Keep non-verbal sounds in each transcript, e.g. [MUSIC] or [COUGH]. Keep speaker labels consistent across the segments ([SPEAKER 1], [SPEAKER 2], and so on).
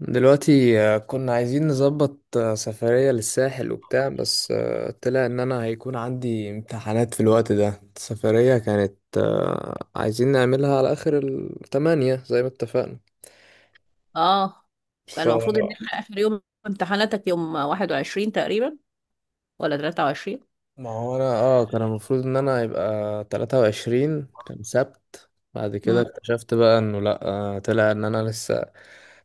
[SPEAKER 1] دلوقتي كنا عايزين نظبط سفرية للساحل وبتاع، بس طلع ان انا هيكون عندي امتحانات في الوقت ده. السفرية كانت عايزين نعملها على اخر التمانية زي ما اتفقنا.
[SPEAKER 2] اه
[SPEAKER 1] ف
[SPEAKER 2] كان المفروض ان احنا اخر يوم امتحاناتك يوم 21 تقريبا ولا 23.
[SPEAKER 1] ما هو انا كان المفروض ان انا يبقى 23 كان سبت. بعد كده
[SPEAKER 2] امم.
[SPEAKER 1] اكتشفت بقى انه لا. طلع ان انا لسه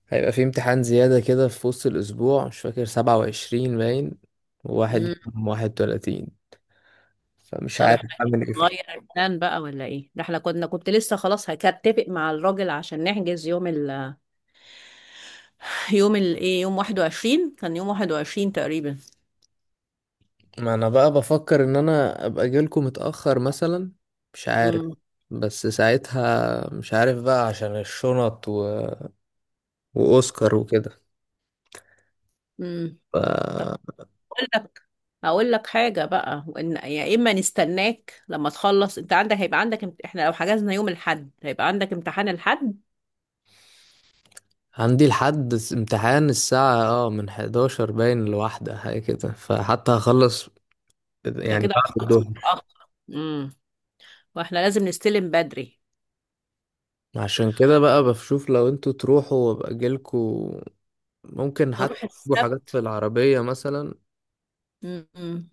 [SPEAKER 1] هيبقى في امتحان زيادة كده في وسط الاسبوع، مش فاكر 27 باين
[SPEAKER 2] أمم.
[SPEAKER 1] يوم 31. فمش
[SPEAKER 2] طب
[SPEAKER 1] عارف
[SPEAKER 2] احنا
[SPEAKER 1] اعمل ايه في الحوار.
[SPEAKER 2] نغير البلان بقى ولا ايه ده؟ احنا كنت لسه خلاص هكتفق مع الراجل عشان نحجز يوم ال [LAUGHS] يوم ال ايه يوم 21 كان يوم 21 تقريبا.
[SPEAKER 1] ما انا بقى بفكر ان انا ابقى جيلكم متأخر مثلا، مش عارف،
[SPEAKER 2] امم.
[SPEAKER 1] بس ساعتها مش عارف بقى عشان الشنط واوسكار وكده.
[SPEAKER 2] امم.
[SPEAKER 1] ف...
[SPEAKER 2] طب اقول لك اقول لك حاجه بقى، وان يا اما نستناك لما تخلص، انت هيبقى عندك. احنا لو حجزنا يوم الاحد هيبقى عندك امتحان الحد.
[SPEAKER 1] عندي لحد امتحان الساعة من 11 باين لواحدة حاجة كده، فحتى هخلص
[SPEAKER 2] انت
[SPEAKER 1] يعني
[SPEAKER 2] كده
[SPEAKER 1] بعد
[SPEAKER 2] هتخلص
[SPEAKER 1] الظهر.
[SPEAKER 2] متاخر، واحنا لازم نستلم بدري.
[SPEAKER 1] عشان كده بقى بشوف لو انتوا تروحوا وابقى جيلكم، ممكن حتى
[SPEAKER 2] نروح
[SPEAKER 1] تجيبوا حاجات في
[SPEAKER 2] السبت.
[SPEAKER 1] العربية مثلا.
[SPEAKER 2] م- م-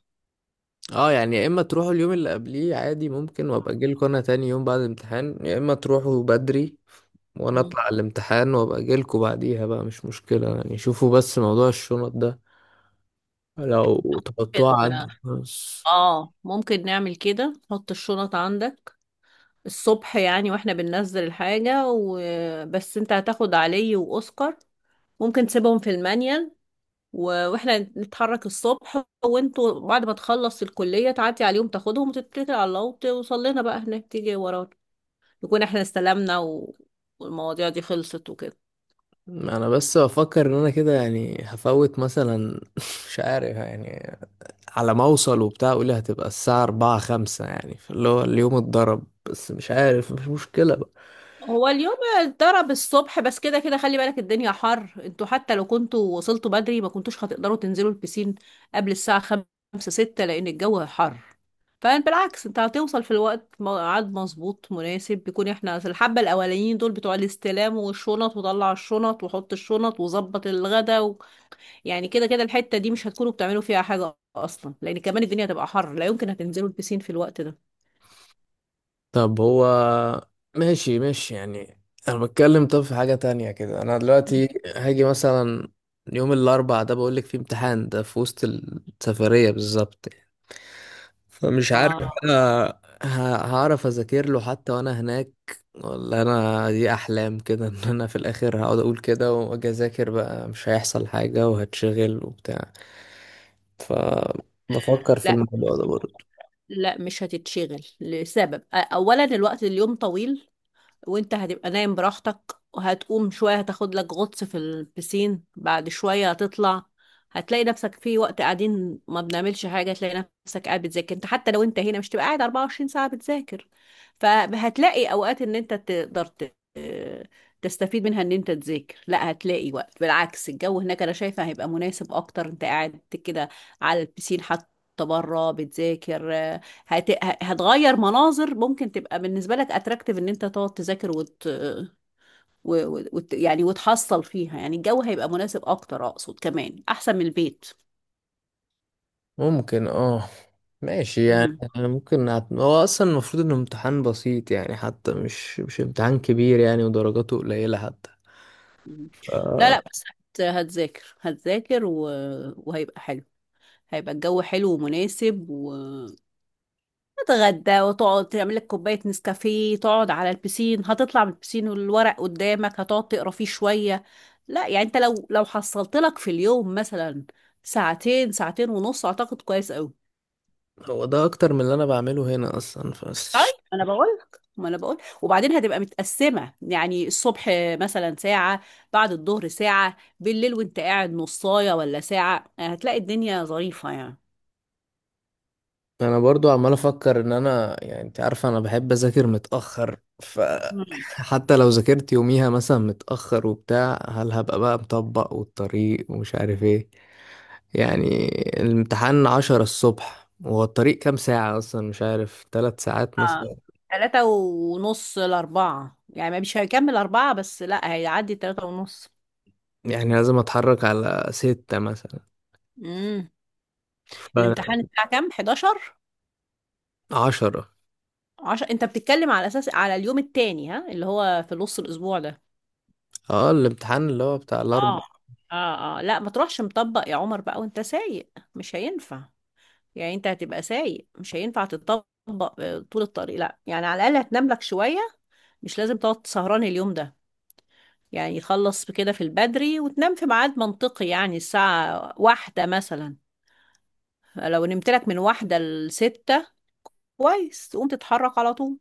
[SPEAKER 1] اه يعني يا اما تروحوا اليوم اللي قبليه عادي ممكن، وابقى اجيلكوا انا تاني يوم بعد الامتحان، يا اما تروحوا بدري وانا اطلع على الامتحان وابقى اجيلكوا بعديها بقى، مش مشكلة يعني. شوفوا بس موضوع الشنط ده، لو تحطوه
[SPEAKER 2] ممكن
[SPEAKER 1] عد بس.
[SPEAKER 2] اه ممكن نعمل كده، حط الشنط عندك الصبح يعني، واحنا بننزل الحاجة وبس. انت هتاخد علي وأوسكار، ممكن تسيبهم في المانيال، واحنا نتحرك الصبح. وانتوا بعد ما تخلص الكلية تعدي عليهم تاخدهم وتتكل على الله وتوصل لنا بقى هناك، تيجي ورانا نكون احنا استلمنا والمواضيع دي خلصت وكده.
[SPEAKER 1] انا بس بفكر ان انا كده يعني هفوت مثلا [LAUGHS] مش عارف يعني، على ما اوصل وبتاع، قولي هتبقى الساعة أربعة خمسة، يعني اللي هو اليوم اتضرب. بس مش عارف، مش مشكلة بقى.
[SPEAKER 2] هو اليوم اتضرب الصبح، بس كده كده خلي بالك الدنيا حر، انتوا حتى لو كنتوا وصلتوا بدري ما كنتوش هتقدروا تنزلوا البسين قبل الساعة خمسة ستة، لأن الجو حر. فبالعكس، انت هتوصل في الوقت ميعاد مظبوط مناسب، بيكون احنا في الحبة الأولانيين دول بتوع الاستلام والشنط وطلع الشنط وحط الشنط وظبط الغدا، يعني كده كده الحتة دي مش هتكونوا بتعملوا فيها حاجة أصلا، لأن كمان الدنيا هتبقى حر، لا يمكن هتنزلوا البسين في الوقت ده.
[SPEAKER 1] طب هو ماشي ماشي يعني. انا بتكلم طب في حاجة تانية كده. انا دلوقتي هاجي مثلا يوم الاربعاء ده، بقولك فيه امتحان ده في وسط السفرية بالظبط يعني. فمش عارف
[SPEAKER 2] آه.
[SPEAKER 1] انا ه- هعرف اذاكر له حتى وانا هناك، ولا انا دي احلام كده [LAUGHS] ان انا في الاخر هقعد اقول كده واجي اذاكر بقى مش هيحصل حاجة وهتشغل وبتاع. فبفكر في الموضوع ده برضه.
[SPEAKER 2] لا مش هتتشغل، لسبب اولا الوقت اليوم طويل، وانت هتبقى نايم براحتك، وهتقوم شوية هتاخد لك غطس في البسين، بعد شوية هتطلع، هتلاقي نفسك في وقت قاعدين ما بنعملش حاجة، تلاقي نفسك قاعد بتذاكر. انت حتى لو انت هنا مش تبقى قاعد 24 ساعة بتذاكر، فهتلاقي اوقات ان انت تقدر تستفيد منها ان انت تذاكر. لا، هتلاقي وقت، بالعكس الجو هناك انا شايفة هيبقى مناسب اكتر، انت قاعد كده على البسين حتى بره بتذاكر، هتغير مناظر، ممكن تبقى بالنسبة لك اتراكتيف ان انت تقعد تذاكر وت... و... و... وت... يعني وتحصل فيها، يعني الجو هيبقى مناسب اكتر، اقصد كمان احسن من البيت.
[SPEAKER 1] ممكن ماشي يعني.
[SPEAKER 2] مم.
[SPEAKER 1] أنا ممكن هو اصلا المفروض انه امتحان بسيط يعني، حتى مش امتحان كبير يعني، ودرجاته قليلة حتى.
[SPEAKER 2] مم. لا لا، بس هت... هتذاكر هتذاكر وهيبقى حلو، هيبقى الجو حلو ومناسب تتغدى وتقعد تعمل لك كوباية نسكافيه، تقعد على البسين، هتطلع من البسين والورق قدامك هتقعد تقرا فيه شوية. لا، يعني انت لو حصلت لك في اليوم مثلا ساعتين ساعتين ونص اعتقد كويس قوي.
[SPEAKER 1] هو ده اكتر من اللي انا بعمله هنا اصلا
[SPEAKER 2] طيب،
[SPEAKER 1] فش.
[SPEAKER 2] انا بقول لك، ما انا بقول، وبعدين هتبقى متقسمة يعني، الصبح مثلا ساعة، بعد الظهر ساعة، بالليل وانت قاعد نصاية ولا ساعة، هتلاقي الدنيا ظريفة يعني.
[SPEAKER 1] انا برضو عمال افكر ان انا يعني، انت عارفه انا بحب اذاكر متاخر، ف حتى [LAUGHS] لو ذاكرت يوميها مثلا متاخر وبتاع، هل هبقى بقى مطبق والطريق ومش عارف ايه يعني. الامتحان 10 الصبح، وهو الطريق كام ساعه اصلا؟ مش عارف، 3 ساعات
[SPEAKER 2] اه
[SPEAKER 1] مثلا.
[SPEAKER 2] تلاتة ونص لأربعة يعني، مش هيكمل أربعة بس، لا هيعدي تلاتة ونص.
[SPEAKER 1] يعني لازم اتحرك على 6 مثلا.
[SPEAKER 2] امم الامتحان الساعة كام؟ 11؟
[SPEAKER 1] فعشرة
[SPEAKER 2] 10؟ أنت بتتكلم على أساس على اليوم التاني، ها، اللي هو في نص الأسبوع ده؟
[SPEAKER 1] اه الامتحان اللي هو بتاع الاربع.
[SPEAKER 2] اه اه اه. لا ما تروحش مطبق يا عمر بقى وأنت سايق، مش هينفع. يعني أنت هتبقى سايق، مش هينفع تطبق طول الطريق، لا يعني على الأقل هتنام لك شوية، مش لازم تقعد سهران اليوم ده، يعني يخلص بكده في البدري وتنام في ميعاد منطقي، يعني الساعة واحدة مثلا، لو نمت لك من واحدة لستة كويس، تقوم تتحرك على طول.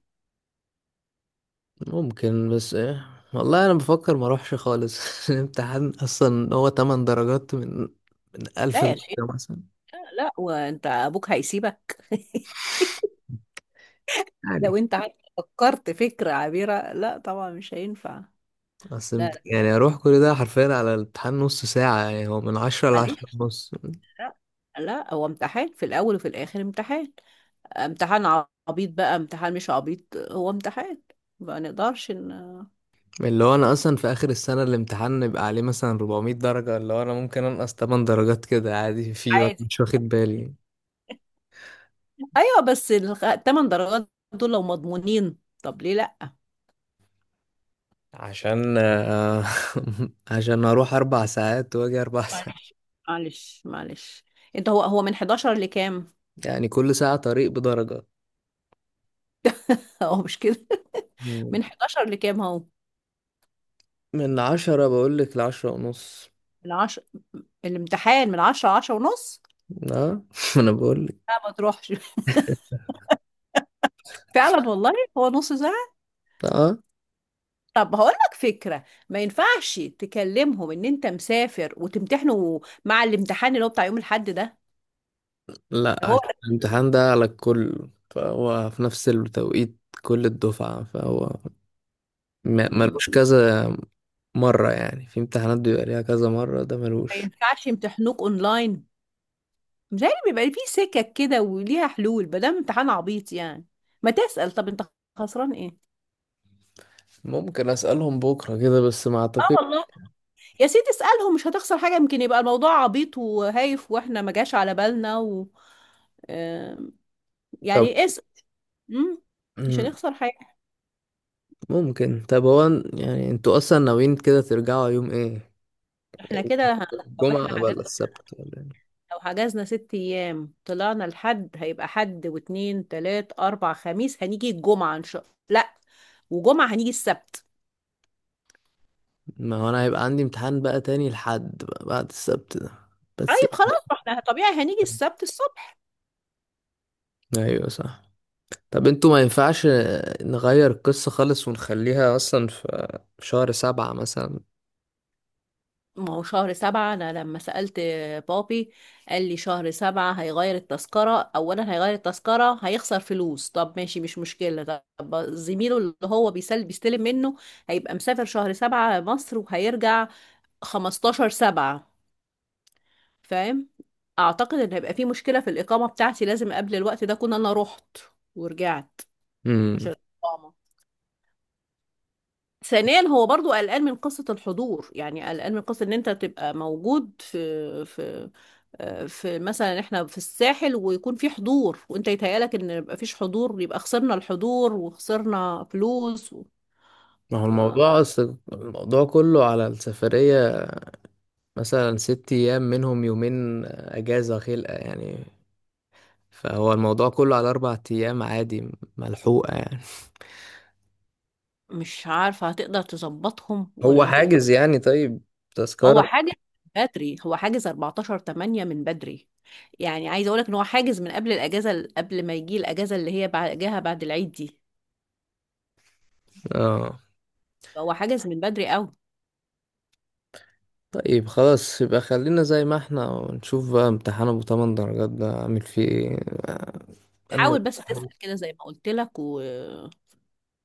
[SPEAKER 1] ممكن بس ايه، والله انا بفكر ما اروحش خالص [LAUGHS] الامتحان اصلا هو 8 درجات من 1000
[SPEAKER 2] لا
[SPEAKER 1] درجة
[SPEAKER 2] يا شيخة،
[SPEAKER 1] مثلا.
[SPEAKER 2] لا وانت ابوك هيسيبك؟ [LAUGHS]
[SPEAKER 1] يعني
[SPEAKER 2] لو انت فكرت فكرة عبيرة، لا طبعا مش هينفع.
[SPEAKER 1] اصل
[SPEAKER 2] لا لا.
[SPEAKER 1] يعني اروح كل ده حرفيا على الامتحان نص ساعة، يعني هو من عشرة لعشرة
[SPEAKER 2] معلش.
[SPEAKER 1] ونص.
[SPEAKER 2] لا لا. هو امتحان في الاول وفي الاخر امتحان، امتحان عبيط بقى امتحان مش عبيط، هو امتحان، ما نقدرش ان...
[SPEAKER 1] اللي هو انا اصلا في اخر السنة الامتحان يبقى عليه مثلا 400 درجة، اللي هو انا ممكن انقص 8 درجات كده عادي فيه وأنا
[SPEAKER 2] عادي،
[SPEAKER 1] مش واخد بالي.
[SPEAKER 2] ايوه، بس الثمان درجات دول لو مضمونين طب ليه لا؟
[SPEAKER 1] عشان [LAUGHS] عشان اروح 4 ساعات واجي اربع [LAUGHS] ساعات.
[SPEAKER 2] معلش معلش معلش. انت هو من 11 لكام؟
[SPEAKER 1] يعني كل ساعة طريق بدرجة.
[SPEAKER 2] [LAUGHS] هو مش كده. [LAUGHS]
[SPEAKER 1] مم.
[SPEAKER 2] من 11 لكام هو؟
[SPEAKER 1] من عشرة بقولك لعشرة ونص.
[SPEAKER 2] من 10، الامتحان من 10 10 ونص،
[SPEAKER 1] اه [LAUGHS] انا بقولك.
[SPEAKER 2] لا ما تروحش. [LAUGHS] فعلا والله هو نص ساعة.
[SPEAKER 1] اه
[SPEAKER 2] طب هقول لك فكرة، ما ينفعش تكلمهم ان انت مسافر وتمتحنوا مع الامتحان اللي هو بتاع يوم الاحد ده؟
[SPEAKER 1] لا،
[SPEAKER 2] هو
[SPEAKER 1] عشان الامتحان ده على الكل، فهو في نفس التوقيت كل الدفعة، فهو
[SPEAKER 2] ما
[SPEAKER 1] ملوش كذا مرة. يعني في امتحانات بيبقى ليها كذا مرة، ده ملوش.
[SPEAKER 2] ينفعش يمتحنوك اونلاين؟ متهيألي بيبقى فيه سكك كده وليها حلول ما دام امتحان عبيط يعني، ما تسأل، طب انت خسران ايه؟
[SPEAKER 1] ممكن اسألهم بكرة كده بس ما
[SPEAKER 2] اه
[SPEAKER 1] اعتقد.
[SPEAKER 2] والله يا سيدي، اسألهم، مش هتخسر حاجة، يمكن يبقى الموضوع عبيط وهايف واحنا ما جاش على بالنا آم، يعني اسأل، مم، مش
[SPEAKER 1] طب
[SPEAKER 2] هنخسر حاجة.
[SPEAKER 1] ممكن، طب هو يعني انتوا اصلا ناويين كده ترجعوا يوم ايه؟
[SPEAKER 2] احنا كده لو احنا
[SPEAKER 1] الجمعة ولا
[SPEAKER 2] حجزنا
[SPEAKER 1] السبت ولا إيه؟
[SPEAKER 2] لو حجزنا 6 ايام، طلعنا الحد هيبقى حد واتنين تلات اربع خميس، هنيجي الجمعة ان شاء الله. لا، وجمعة هنيجي السبت.
[SPEAKER 1] ما هو انا هيبقى عندي امتحان بقى تاني لحد بقى بعد السبت ده بس.
[SPEAKER 2] طيب خلاص، ما احنا طبيعي هنيجي السبت الصبح.
[SPEAKER 1] ايوه صح. طب انتوا ما ينفعش نغير القصة خالص ونخليها اصلا في شهر سبعة مثلا؟
[SPEAKER 2] ما هو شهر سبعة، أنا لما سألت بابي قال لي شهر سبعة هيغير التذكرة، أولا هيغير التذكرة هيخسر فلوس، طب ماشي مش مشكلة، طب زميله اللي هو بيسل بيستلم منه هيبقى مسافر شهر سبعة مصر وهيرجع 15/7، فاهم؟ أعتقد إن هيبقى في مشكلة في الإقامة بتاعتي، لازم قبل الوقت ده أكون أنا رحت ورجعت. مش
[SPEAKER 1] امم
[SPEAKER 2] الإقامة، ثانيا هو برضو قلقان من قصة الحضور، يعني قلقان من قصة ان انت تبقى موجود في مثلا احنا في الساحل ويكون في حضور، وانت يتهيألك ان يبقى فيش حضور، يبقى خسرنا الحضور وخسرنا فلوس
[SPEAKER 1] ما هو
[SPEAKER 2] ف-
[SPEAKER 1] الموضوع اصل الموضوع كله على السفرية. مثلا 6 ايام منهم يومين اجازة خلقة يعني، فهو الموضوع كله على 4 ايام عادي، ملحوقة يعني.
[SPEAKER 2] مش عارفة هتقدر تظبطهم
[SPEAKER 1] هو
[SPEAKER 2] ولا هتبقى.
[SPEAKER 1] حاجز يعني، طيب،
[SPEAKER 2] هو
[SPEAKER 1] تذكرة
[SPEAKER 2] حاجة بدري، هو حاجز 14 8 من بدري، يعني عايزة اقولك ان هو حاجز من قبل الاجازة، قبل ما يجي الاجازة اللي هي بعدها بعد العيد دي،
[SPEAKER 1] اه
[SPEAKER 2] هو حاجز من بدري قوي.
[SPEAKER 1] طيب. خلاص يبقى خلينا زي ما احنا، ونشوف بقى امتحان ابو 8 درجات ده عامل فيه ايه. أنا-
[SPEAKER 2] حاول بس تسأل كده زي ما قلت لك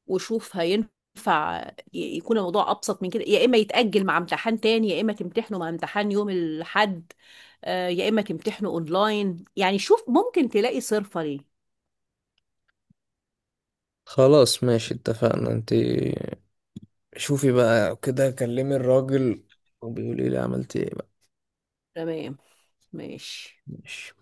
[SPEAKER 2] وشوف هينفع يكون الموضوع أبسط من كده، يا إما يتأجل مع امتحان تاني، يا إما تمتحنه مع امتحان يوم الحد، يا إما تمتحنه أونلاين، يعني شوف ممكن تلاقي صرفة ليه.
[SPEAKER 1] خلاص ماشي اتفقنا. انت شوفي بقى كده، كلمي الراجل وبيقولي لي عملت ايه بقى.
[SPEAKER 2] تمام. ماشي.
[SPEAKER 1] ماشي